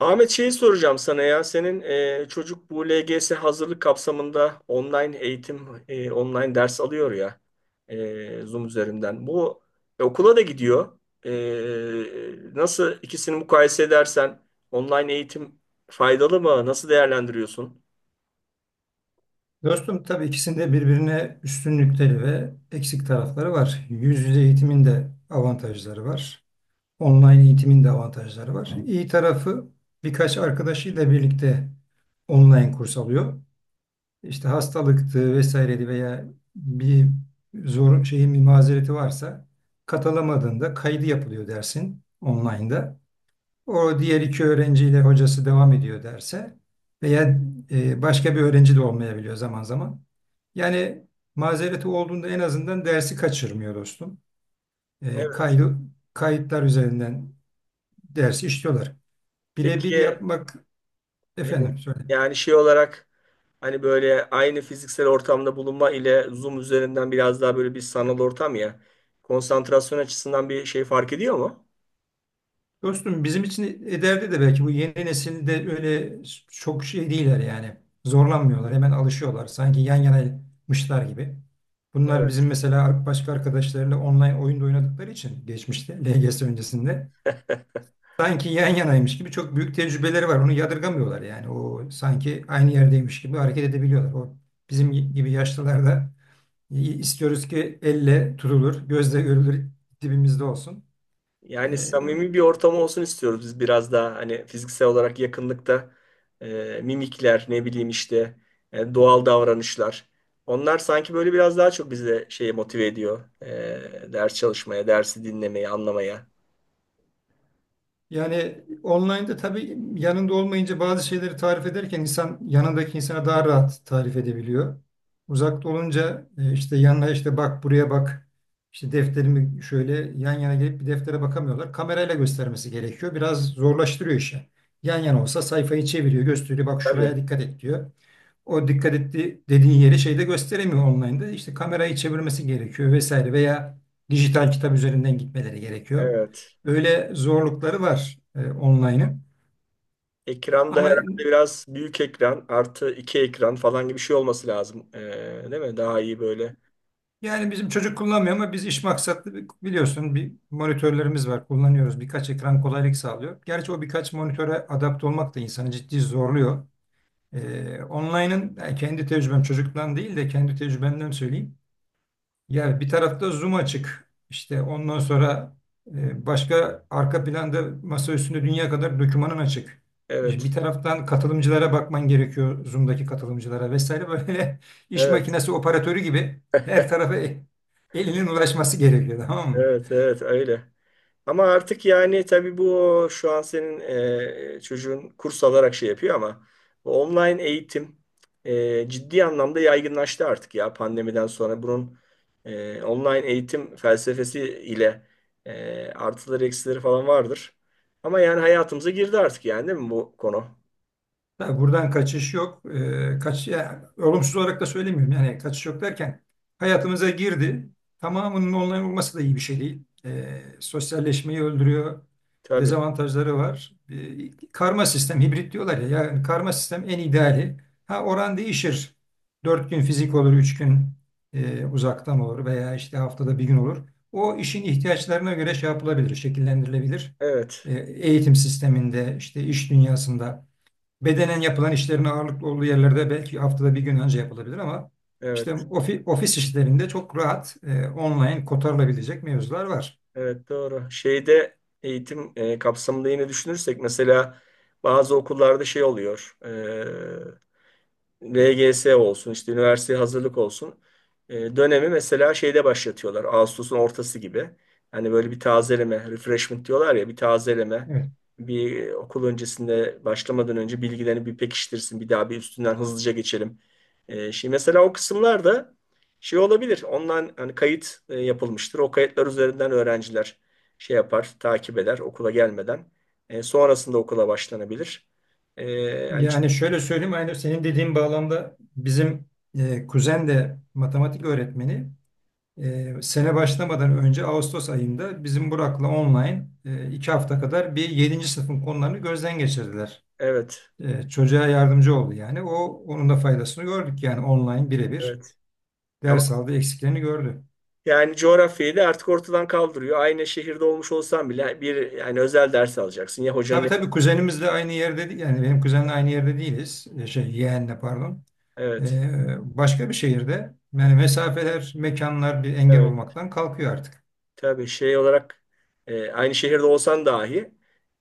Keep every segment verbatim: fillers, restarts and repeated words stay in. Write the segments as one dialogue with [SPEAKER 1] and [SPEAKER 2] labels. [SPEAKER 1] Ahmet şeyi soracağım sana ya. Senin e, çocuk bu L G S hazırlık kapsamında online eğitim, e, online ders alıyor ya e, Zoom üzerinden. Bu e, okula da gidiyor. E, nasıl ikisini mukayese edersen online eğitim faydalı mı? Nasıl değerlendiriyorsun?
[SPEAKER 2] Dostum tabii ikisinde birbirine üstünlükleri ve eksik tarafları var. Yüz yüze eğitimin de avantajları var. Online eğitimin de avantajları var. İyi tarafı birkaç arkadaşıyla birlikte online kurs alıyor. İşte hastalıktı vesaireydi veya bir zor şeyin bir mazereti varsa katılamadığında kaydı yapılıyor dersin online'da. O diğer iki öğrenciyle hocası devam ediyor derse veya e, başka bir öğrenci de olmayabiliyor zaman zaman. Yani mazereti olduğunda en azından dersi kaçırmıyor dostum. E,
[SPEAKER 1] Evet.
[SPEAKER 2] kaydı, Kayıtlar üzerinden dersi işliyorlar. Birebir
[SPEAKER 1] Peki,
[SPEAKER 2] yapmak
[SPEAKER 1] e,
[SPEAKER 2] efendim söyle.
[SPEAKER 1] yani şey olarak hani böyle aynı fiziksel ortamda bulunma ile Zoom üzerinden biraz daha böyle bir sanal ortam ya. Konsantrasyon açısından bir şey fark ediyor mu?
[SPEAKER 2] Dostum bizim için ileride de belki bu yeni nesilde öyle çok şey değiller yani. Zorlanmıyorlar, hemen alışıyorlar. Sanki yan yanaymışlar gibi. Bunlar
[SPEAKER 1] Evet.
[SPEAKER 2] bizim mesela başka arkadaşlarıyla online oyunda oynadıkları için geçmişte L G S öncesinde sanki yan yanaymış gibi çok büyük tecrübeleri var. Onu yadırgamıyorlar yani. O sanki aynı yerdeymiş gibi hareket edebiliyorlar. O bizim gibi yaşlılarda istiyoruz ki elle tutulur, gözle görülür dibimizde olsun.
[SPEAKER 1] Yani samimi bir ortam olsun istiyoruz, biz biraz daha hani fiziksel olarak yakınlıkta e, mimikler, ne bileyim işte, e, doğal davranışlar. Onlar sanki böyle biraz daha çok bize şeye motive ediyor. E, ders çalışmaya, dersi dinlemeye, anlamaya.
[SPEAKER 2] Yani online'da tabii yanında olmayınca bazı şeyleri tarif ederken insan yanındaki insana daha rahat tarif edebiliyor. Uzakta olunca e, işte yanına işte bak buraya bak işte defterimi şöyle yan yana gelip bir deftere bakamıyorlar. Kamerayla göstermesi gerekiyor. Biraz zorlaştırıyor işi. Yan yana olsa sayfayı çeviriyor, gösteriyor. Bak
[SPEAKER 1] Tabii.
[SPEAKER 2] şuraya dikkat et diyor. O dikkat etti dediğin yeri şeyde gösteremiyor online'da. İşte kamerayı çevirmesi gerekiyor vesaire veya dijital kitap üzerinden gitmeleri gerekiyor.
[SPEAKER 1] Evet.
[SPEAKER 2] Öyle zorlukları var e, online'ın.
[SPEAKER 1] Ekran da
[SPEAKER 2] Ama
[SPEAKER 1] herhalde biraz büyük ekran, artı iki ekran falan gibi bir şey olması lazım. E, değil mi? Daha iyi böyle.
[SPEAKER 2] yani bizim çocuk kullanmıyor ama biz iş maksatlı bi- biliyorsun bir monitörlerimiz var kullanıyoruz. Birkaç ekran kolaylık sağlıyor. Gerçi o birkaç monitöre adapte olmak da insanı ciddi zorluyor. E, online'ın yani kendi tecrübem çocuktan değil de kendi tecrübemden söyleyeyim. Yani bir tarafta Zoom açık. İşte ondan sonra e, başka arka planda masa üstünde dünya kadar dokümanın açık. E, Bir
[SPEAKER 1] Evet.
[SPEAKER 2] taraftan katılımcılara bakman gerekiyor. Zoom'daki katılımcılara vesaire böyle iş
[SPEAKER 1] Evet.
[SPEAKER 2] makinesi operatörü gibi her tarafa e- elinin ulaşması gerekiyor, tamam mı?
[SPEAKER 1] Evet. Evet. Öyle. Ama artık yani tabii bu şu an senin e, çocuğun kurs alarak şey yapıyor, ama bu online eğitim e, ciddi anlamda yaygınlaştı artık ya, pandemiden sonra. Bunun e, online eğitim felsefesi ile e, artıları eksileri falan vardır. Ama yani hayatımıza girdi artık yani, değil mi bu konu?
[SPEAKER 2] Tabii buradan kaçış yok. Ee, kaç, ya, olumsuz olarak da söylemiyorum. Yani kaçış yok derken hayatımıza girdi. Tamamının online olması da iyi bir şey değil. Ee, sosyalleşmeyi öldürüyor.
[SPEAKER 1] Tabii.
[SPEAKER 2] Dezavantajları var. Ee, karma sistem, hibrit diyorlar ya. Yani karma sistem en ideali. Ha oran değişir. Dört gün fizik olur, üç gün e, uzaktan olur veya işte haftada bir gün olur. O işin ihtiyaçlarına göre şey yapılabilir, şekillendirilebilir.
[SPEAKER 1] Evet.
[SPEAKER 2] E, eğitim sisteminde, işte iş dünyasında bedenen yapılan işlerin ağırlıklı olduğu yerlerde belki haftada bir gün önce yapılabilir ama işte
[SPEAKER 1] Evet.
[SPEAKER 2] ofi- ofis işlerinde çok rahat e, online kotarılabilecek mevzular var.
[SPEAKER 1] Evet, doğru. Şeyde, eğitim e, kapsamında yine düşünürsek, mesela bazı okullarda şey oluyor. e, V G S olsun, işte üniversiteye hazırlık olsun. E, dönemi mesela şeyde başlatıyorlar. Ağustos'un ortası gibi. Hani böyle bir tazeleme, refreshment diyorlar ya, bir tazeleme.
[SPEAKER 2] Evet.
[SPEAKER 1] Bir, okul öncesinde, başlamadan önce bilgilerini bir pekiştirsin. Bir daha bir üstünden hızlıca geçelim. E, şimdi mesela o kısımlarda şey olabilir. Ondan hani kayıt e, yapılmıştır. O kayıtlar üzerinden öğrenciler şey yapar, takip eder okula gelmeden. E, sonrasında okula başlanabilir. E, yani,
[SPEAKER 2] Yani şöyle söyleyeyim aynı senin dediğin bağlamda bizim e, kuzen de matematik öğretmeni e, sene başlamadan önce Ağustos ayında bizim Burak'la online e, iki hafta kadar bir yedinci sınıfın konularını gözden geçirdiler.
[SPEAKER 1] evet,
[SPEAKER 2] E, çocuğa yardımcı oldu yani. O onun da faydasını gördük yani online birebir
[SPEAKER 1] evet. Ama
[SPEAKER 2] ders aldı eksiklerini gördü.
[SPEAKER 1] yani coğrafyayı da artık ortadan kaldırıyor. Aynı şehirde olmuş olsan bile bir, yani özel ders alacaksın. Ya hocanın
[SPEAKER 2] Tabii
[SPEAKER 1] evi-
[SPEAKER 2] tabii kuzenimiz de aynı yerde değil. Yani benim kuzenle aynı yerde değiliz. E, Şey, yeğenle pardon.
[SPEAKER 1] evet.
[SPEAKER 2] E, başka bir şehirde. Yani mesafeler, mekanlar bir engel
[SPEAKER 1] Evet.
[SPEAKER 2] olmaktan kalkıyor artık.
[SPEAKER 1] Tabii, şey olarak e, aynı şehirde olsan dahi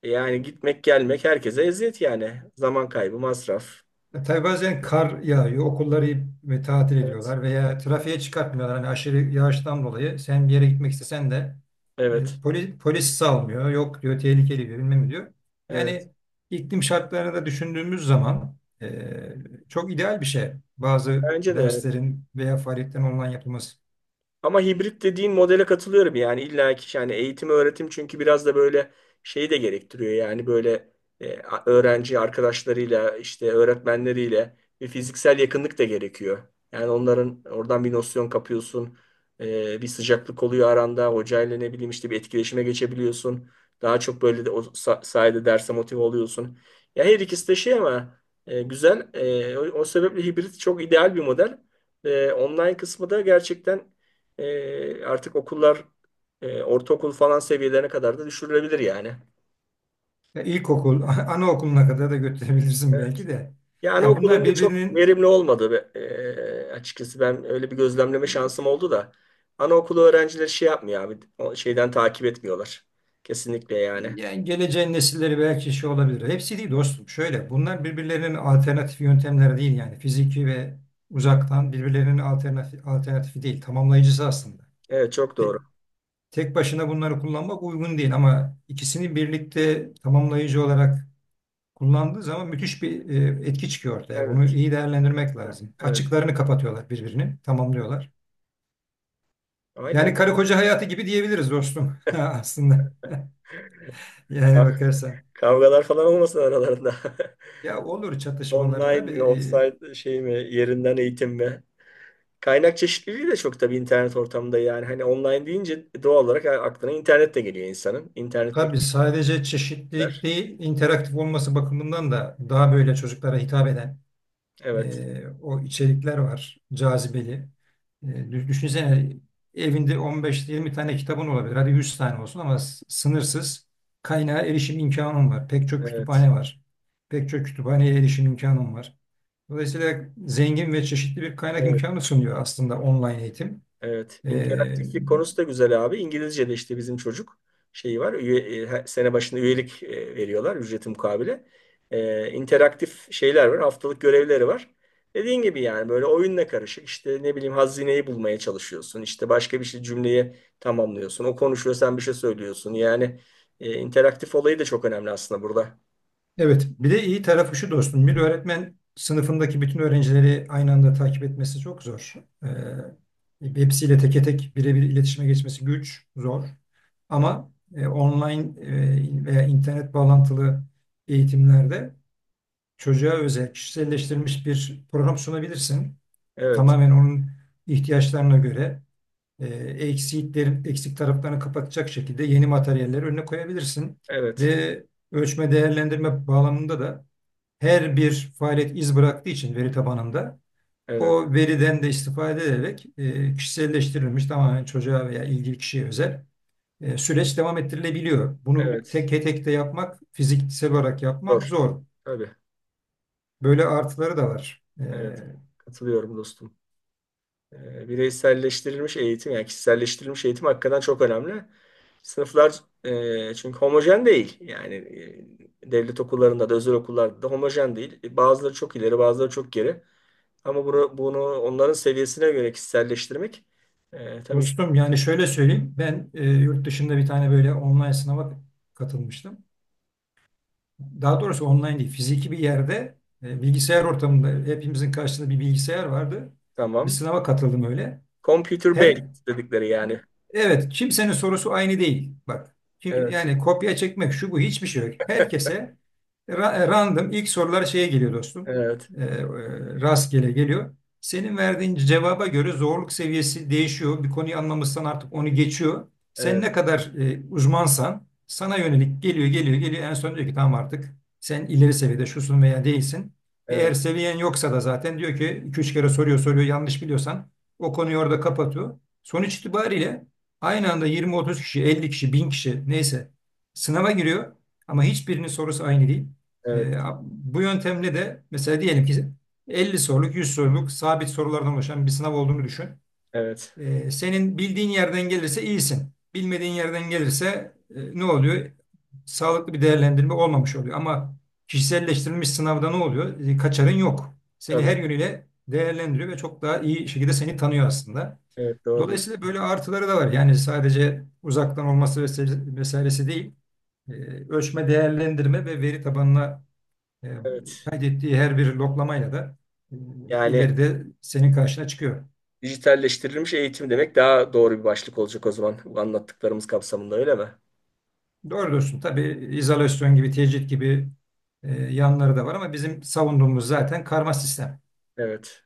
[SPEAKER 1] e, yani gitmek gelmek herkese eziyet yani. Zaman kaybı, masraf.
[SPEAKER 2] E, Tabii bazen kar yağıyor, okulları ve tatil
[SPEAKER 1] Evet.
[SPEAKER 2] ediyorlar veya trafiğe çıkartmıyorlar. Hani aşırı yağıştan dolayı sen bir yere gitmek istesen de
[SPEAKER 1] Evet.
[SPEAKER 2] polis, polis salmıyor. Yok diyor, tehlikeli diyor, bilmem ne diyor.
[SPEAKER 1] Evet.
[SPEAKER 2] Yani iklim şartlarını da düşündüğümüz zaman e, çok ideal bir şey. Bazı
[SPEAKER 1] Bence de evet.
[SPEAKER 2] derslerin veya faaliyetlerin online yapılması.
[SPEAKER 1] Ama hibrit dediğin modele katılıyorum yani, illa ki yani eğitim öğretim çünkü biraz da böyle şeyi de gerektiriyor yani, böyle e, a- öğrenci arkadaşlarıyla, işte öğretmenleriyle bir fiziksel yakınlık da gerekiyor. Yani onların oradan bir nosyon kapıyorsun. E, bir sıcaklık oluyor aranda hocayla, ne bileyim işte, bir etkileşime geçebiliyorsun. Daha çok böyle de o sa- sayede derse motive oluyorsun. Ya her ikisi de şey ama, e, güzel. E, o, o sebeple hibrit çok ideal bir model. E, online kısmı da gerçekten e, artık okullar e, ortaokul falan seviyelerine kadar da düşürülebilir yani.
[SPEAKER 2] Ya ilkokul, anaokuluna kadar da götürebilirsin
[SPEAKER 1] Evet.
[SPEAKER 2] belki de.
[SPEAKER 1] Yani
[SPEAKER 2] Yani bunlar
[SPEAKER 1] okulum da çok
[SPEAKER 2] birbirinin
[SPEAKER 1] verimli olmadı, be- E, açıkçası. Ben öyle bir gözlemleme şansım oldu da. Anaokulu öğrencileri şey yapmıyor abi. O şeyden takip etmiyorlar. Kesinlikle yani.
[SPEAKER 2] Yani geleceğin nesilleri belki şey olabilir. Hepsi değil dostum. Şöyle bunlar birbirlerinin alternatif yöntemleri değil yani. Fiziki ve uzaktan birbirlerinin alternatif, alternatifi değil. Tamamlayıcısı aslında.
[SPEAKER 1] Evet, çok
[SPEAKER 2] Te-
[SPEAKER 1] doğru.
[SPEAKER 2] Tek başına bunları kullanmak uygun değil ama ikisini birlikte tamamlayıcı olarak kullandığı zaman müthiş bir e, etki çıkıyor ortaya. Bunu
[SPEAKER 1] Evet.
[SPEAKER 2] iyi değerlendirmek lazım.
[SPEAKER 1] Evet.
[SPEAKER 2] Açıklarını kapatıyorlar birbirini, tamamlıyorlar.
[SPEAKER 1] Aynen.
[SPEAKER 2] Yani karı koca hayatı gibi diyebiliriz dostum aslında. Yani
[SPEAKER 1] Ka-
[SPEAKER 2] bakarsan.
[SPEAKER 1] Kavgalar falan olmasın aralarında.
[SPEAKER 2] Ya olur çatışmaları
[SPEAKER 1] Online
[SPEAKER 2] tabii.
[SPEAKER 1] mi,
[SPEAKER 2] e,
[SPEAKER 1] offsite şey mi, yerinden eğitim mi? Kaynak çeşitliliği de çok, tabii internet ortamında yani. Hani online deyince doğal olarak aklına internet de geliyor insanın. İnternetteki
[SPEAKER 2] Tabii sadece çeşitlilik
[SPEAKER 1] bilgiler.
[SPEAKER 2] değil, interaktif olması bakımından da daha böyle çocuklara hitap eden
[SPEAKER 1] Evet.
[SPEAKER 2] e, o içerikler var, cazibeli. E, dü- düşünsene evinde on beş, yirmi tane kitabın olabilir, hadi yüz tane olsun ama s- sınırsız kaynağa erişim imkanın var. Pek çok
[SPEAKER 1] Evet.
[SPEAKER 2] kütüphane var, pek çok kütüphaneye erişim imkanın var. Dolayısıyla zengin ve çeşitli bir kaynak
[SPEAKER 1] Evet.
[SPEAKER 2] imkanı sunuyor aslında online eğitim.
[SPEAKER 1] Evet,
[SPEAKER 2] E,
[SPEAKER 1] interaktiflik konusu da güzel abi. İngilizce'de işte bizim çocuk şeyi var. Üye, e, her sene başında üyelik e, veriyorlar, ücreti mukabile. E, interaktif şeyler var. Haftalık görevleri var. Dediğin gibi yani, böyle oyunla karışık. İşte ne bileyim hazineyi bulmaya çalışıyorsun. İşte başka bir şey, cümleyi tamamlıyorsun. O konuşuyor, sen bir şey söylüyorsun. Yani e, interaktif olayı da çok önemli aslında burada.
[SPEAKER 2] Evet, bir de iyi tarafı şu dostum. Bir öğretmen sınıfındaki bütün öğrencileri aynı anda takip etmesi çok zor. Ee, hepsiyle teke tek birebir iletişime geçmesi güç, zor. Ama e, online e, veya internet bağlantılı eğitimlerde çocuğa özel, kişiselleştirilmiş bir program sunabilirsin.
[SPEAKER 1] Evet.
[SPEAKER 2] Tamamen onun ihtiyaçlarına göre e, eksiklerin, eksik taraflarını kapatacak şekilde yeni materyalleri önüne koyabilirsin.
[SPEAKER 1] Evet.
[SPEAKER 2] Ve ölçme değerlendirme bağlamında da her bir faaliyet iz bıraktığı için veri tabanında
[SPEAKER 1] Evet.
[SPEAKER 2] o veriden de istifade ederek e, kişiselleştirilmiş tamamen çocuğa veya ilgili kişiye özel e, süreç devam ettirilebiliyor. Bunu tek
[SPEAKER 1] Evet.
[SPEAKER 2] tek de yapmak, fiziksel olarak
[SPEAKER 1] Doğru.
[SPEAKER 2] yapmak zor.
[SPEAKER 1] Tabii.
[SPEAKER 2] Böyle artıları da var. E,
[SPEAKER 1] Evet. Katılıyorum dostum. E, Bireyselleştirilmiş eğitim, yani kişiselleştirilmiş eğitim hakikaten çok önemli. Sınıflar, e, çünkü homojen değil. Yani e, devlet okullarında da özel okullarda da homojen değil. E, Bazıları çok ileri, bazıları çok geri. Ama bunu, bunu onların seviyesine göre kişiselleştirmek, e, tabii iş-
[SPEAKER 2] dostum yani şöyle söyleyeyim. Ben e, yurt dışında bir tane böyle online sınava katılmıştım. Daha doğrusu online değil, fiziki bir yerde e, bilgisayar ortamında hepimizin karşısında bir bilgisayar vardı. Bir
[SPEAKER 1] tamam.
[SPEAKER 2] sınava katıldım öyle.
[SPEAKER 1] Computer
[SPEAKER 2] Her
[SPEAKER 1] based dedikleri yani.
[SPEAKER 2] Evet, kimsenin sorusu aynı değil. Bak, kim-
[SPEAKER 1] Evet,
[SPEAKER 2] yani kopya çekmek şu bu hiçbir şey yok. Herkese ra- e, random ilk sorular şeye geliyor dostum.
[SPEAKER 1] evet,
[SPEAKER 2] Ee, e, Rastgele geliyor. Senin verdiğin cevaba göre zorluk seviyesi değişiyor. Bir konuyu anlamışsan artık onu geçiyor. Sen
[SPEAKER 1] evet,
[SPEAKER 2] ne kadar e, uzmansan sana yönelik geliyor, geliyor, geliyor. En son diyor ki tamam artık sen ileri seviyede şusun veya değilsin.
[SPEAKER 1] evet,
[SPEAKER 2] Eğer seviyen yoksa da zaten diyor ki iki üç kere soruyor soruyor yanlış biliyorsan o konuyu orada kapatıyor. Sonuç itibariyle aynı anda yirmi otuz kişi, elli kişi, bin kişi neyse sınava giriyor ama hiçbirinin sorusu aynı değil.
[SPEAKER 1] evet,
[SPEAKER 2] Ee, Bu yöntemle de mesela diyelim ki elli soruluk, yüz soruluk sabit sorulardan oluşan bir sınav olduğunu düşün.
[SPEAKER 1] evet.
[SPEAKER 2] Ee, senin bildiğin yerden gelirse iyisin. Bilmediğin yerden gelirse e, ne oluyor? Sağlıklı bir değerlendirme olmamış oluyor. Ama kişiselleştirilmiş sınavda ne oluyor? E, Kaçarın yok. Seni her
[SPEAKER 1] Tabii,
[SPEAKER 2] yönüyle değerlendiriyor ve çok daha iyi şekilde seni tanıyor aslında.
[SPEAKER 1] evet, doğru.
[SPEAKER 2] Dolayısıyla böyle artıları da var. Yani sadece uzaktan olması vesaire- vesairesi değil. E, Ölçme, değerlendirme ve veri tabanına e,
[SPEAKER 1] Evet.
[SPEAKER 2] kaydettiği her bir loklamayla da e,
[SPEAKER 1] Yani
[SPEAKER 2] ileride senin karşına çıkıyor.
[SPEAKER 1] dijitalleştirilmiş eğitim demek daha doğru bir başlık olacak o zaman, bu anlattıklarımız kapsamında, öyle mi?
[SPEAKER 2] Doğru diyorsun. Tabii izolasyon gibi, tecrit gibi e, yanları da var ama bizim savunduğumuz zaten karma sistem.
[SPEAKER 1] Evet.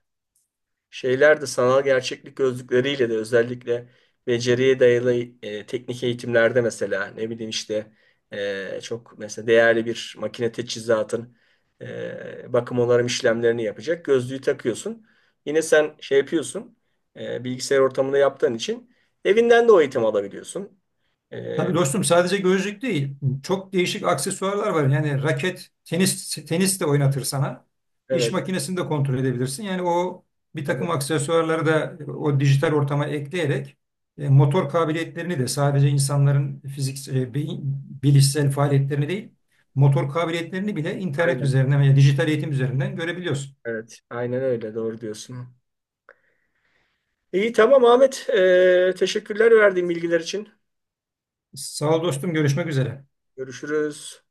[SPEAKER 1] Şeyler de sanal gerçeklik gözlükleriyle de özellikle beceriye dayalı e, teknik eğitimlerde, mesela ne bileyim işte, e, çok mesela değerli bir makine teçhizatın e, bakım onarım işlemlerini yapacak, gözlüğü takıyorsun. Yine sen şey yapıyorsun, e, bilgisayar ortamında yaptığın için evinden de o eğitimi alabiliyorsun. E,
[SPEAKER 2] Tabii dostum sadece gözlük değil. Çok değişik aksesuarlar var. Yani raket, tenis, tenis de oynatır sana. İş
[SPEAKER 1] evet,
[SPEAKER 2] makinesini de kontrol edebilirsin. Yani o bir
[SPEAKER 1] evet,
[SPEAKER 2] takım aksesuarları da o dijital ortama ekleyerek e, motor kabiliyetlerini de sadece insanların fizik, e, beyin- bilişsel faaliyetlerini değil, motor kabiliyetlerini bile internet
[SPEAKER 1] aynen.
[SPEAKER 2] üzerinden veya dijital eğitim üzerinden görebiliyorsun.
[SPEAKER 1] Evet, aynen öyle. Doğru diyorsun. İyi, tamam Ahmet. Ee, teşekkürler verdiğin bilgiler için.
[SPEAKER 2] Sağ ol dostum, görüşmek üzere.
[SPEAKER 1] Görüşürüz.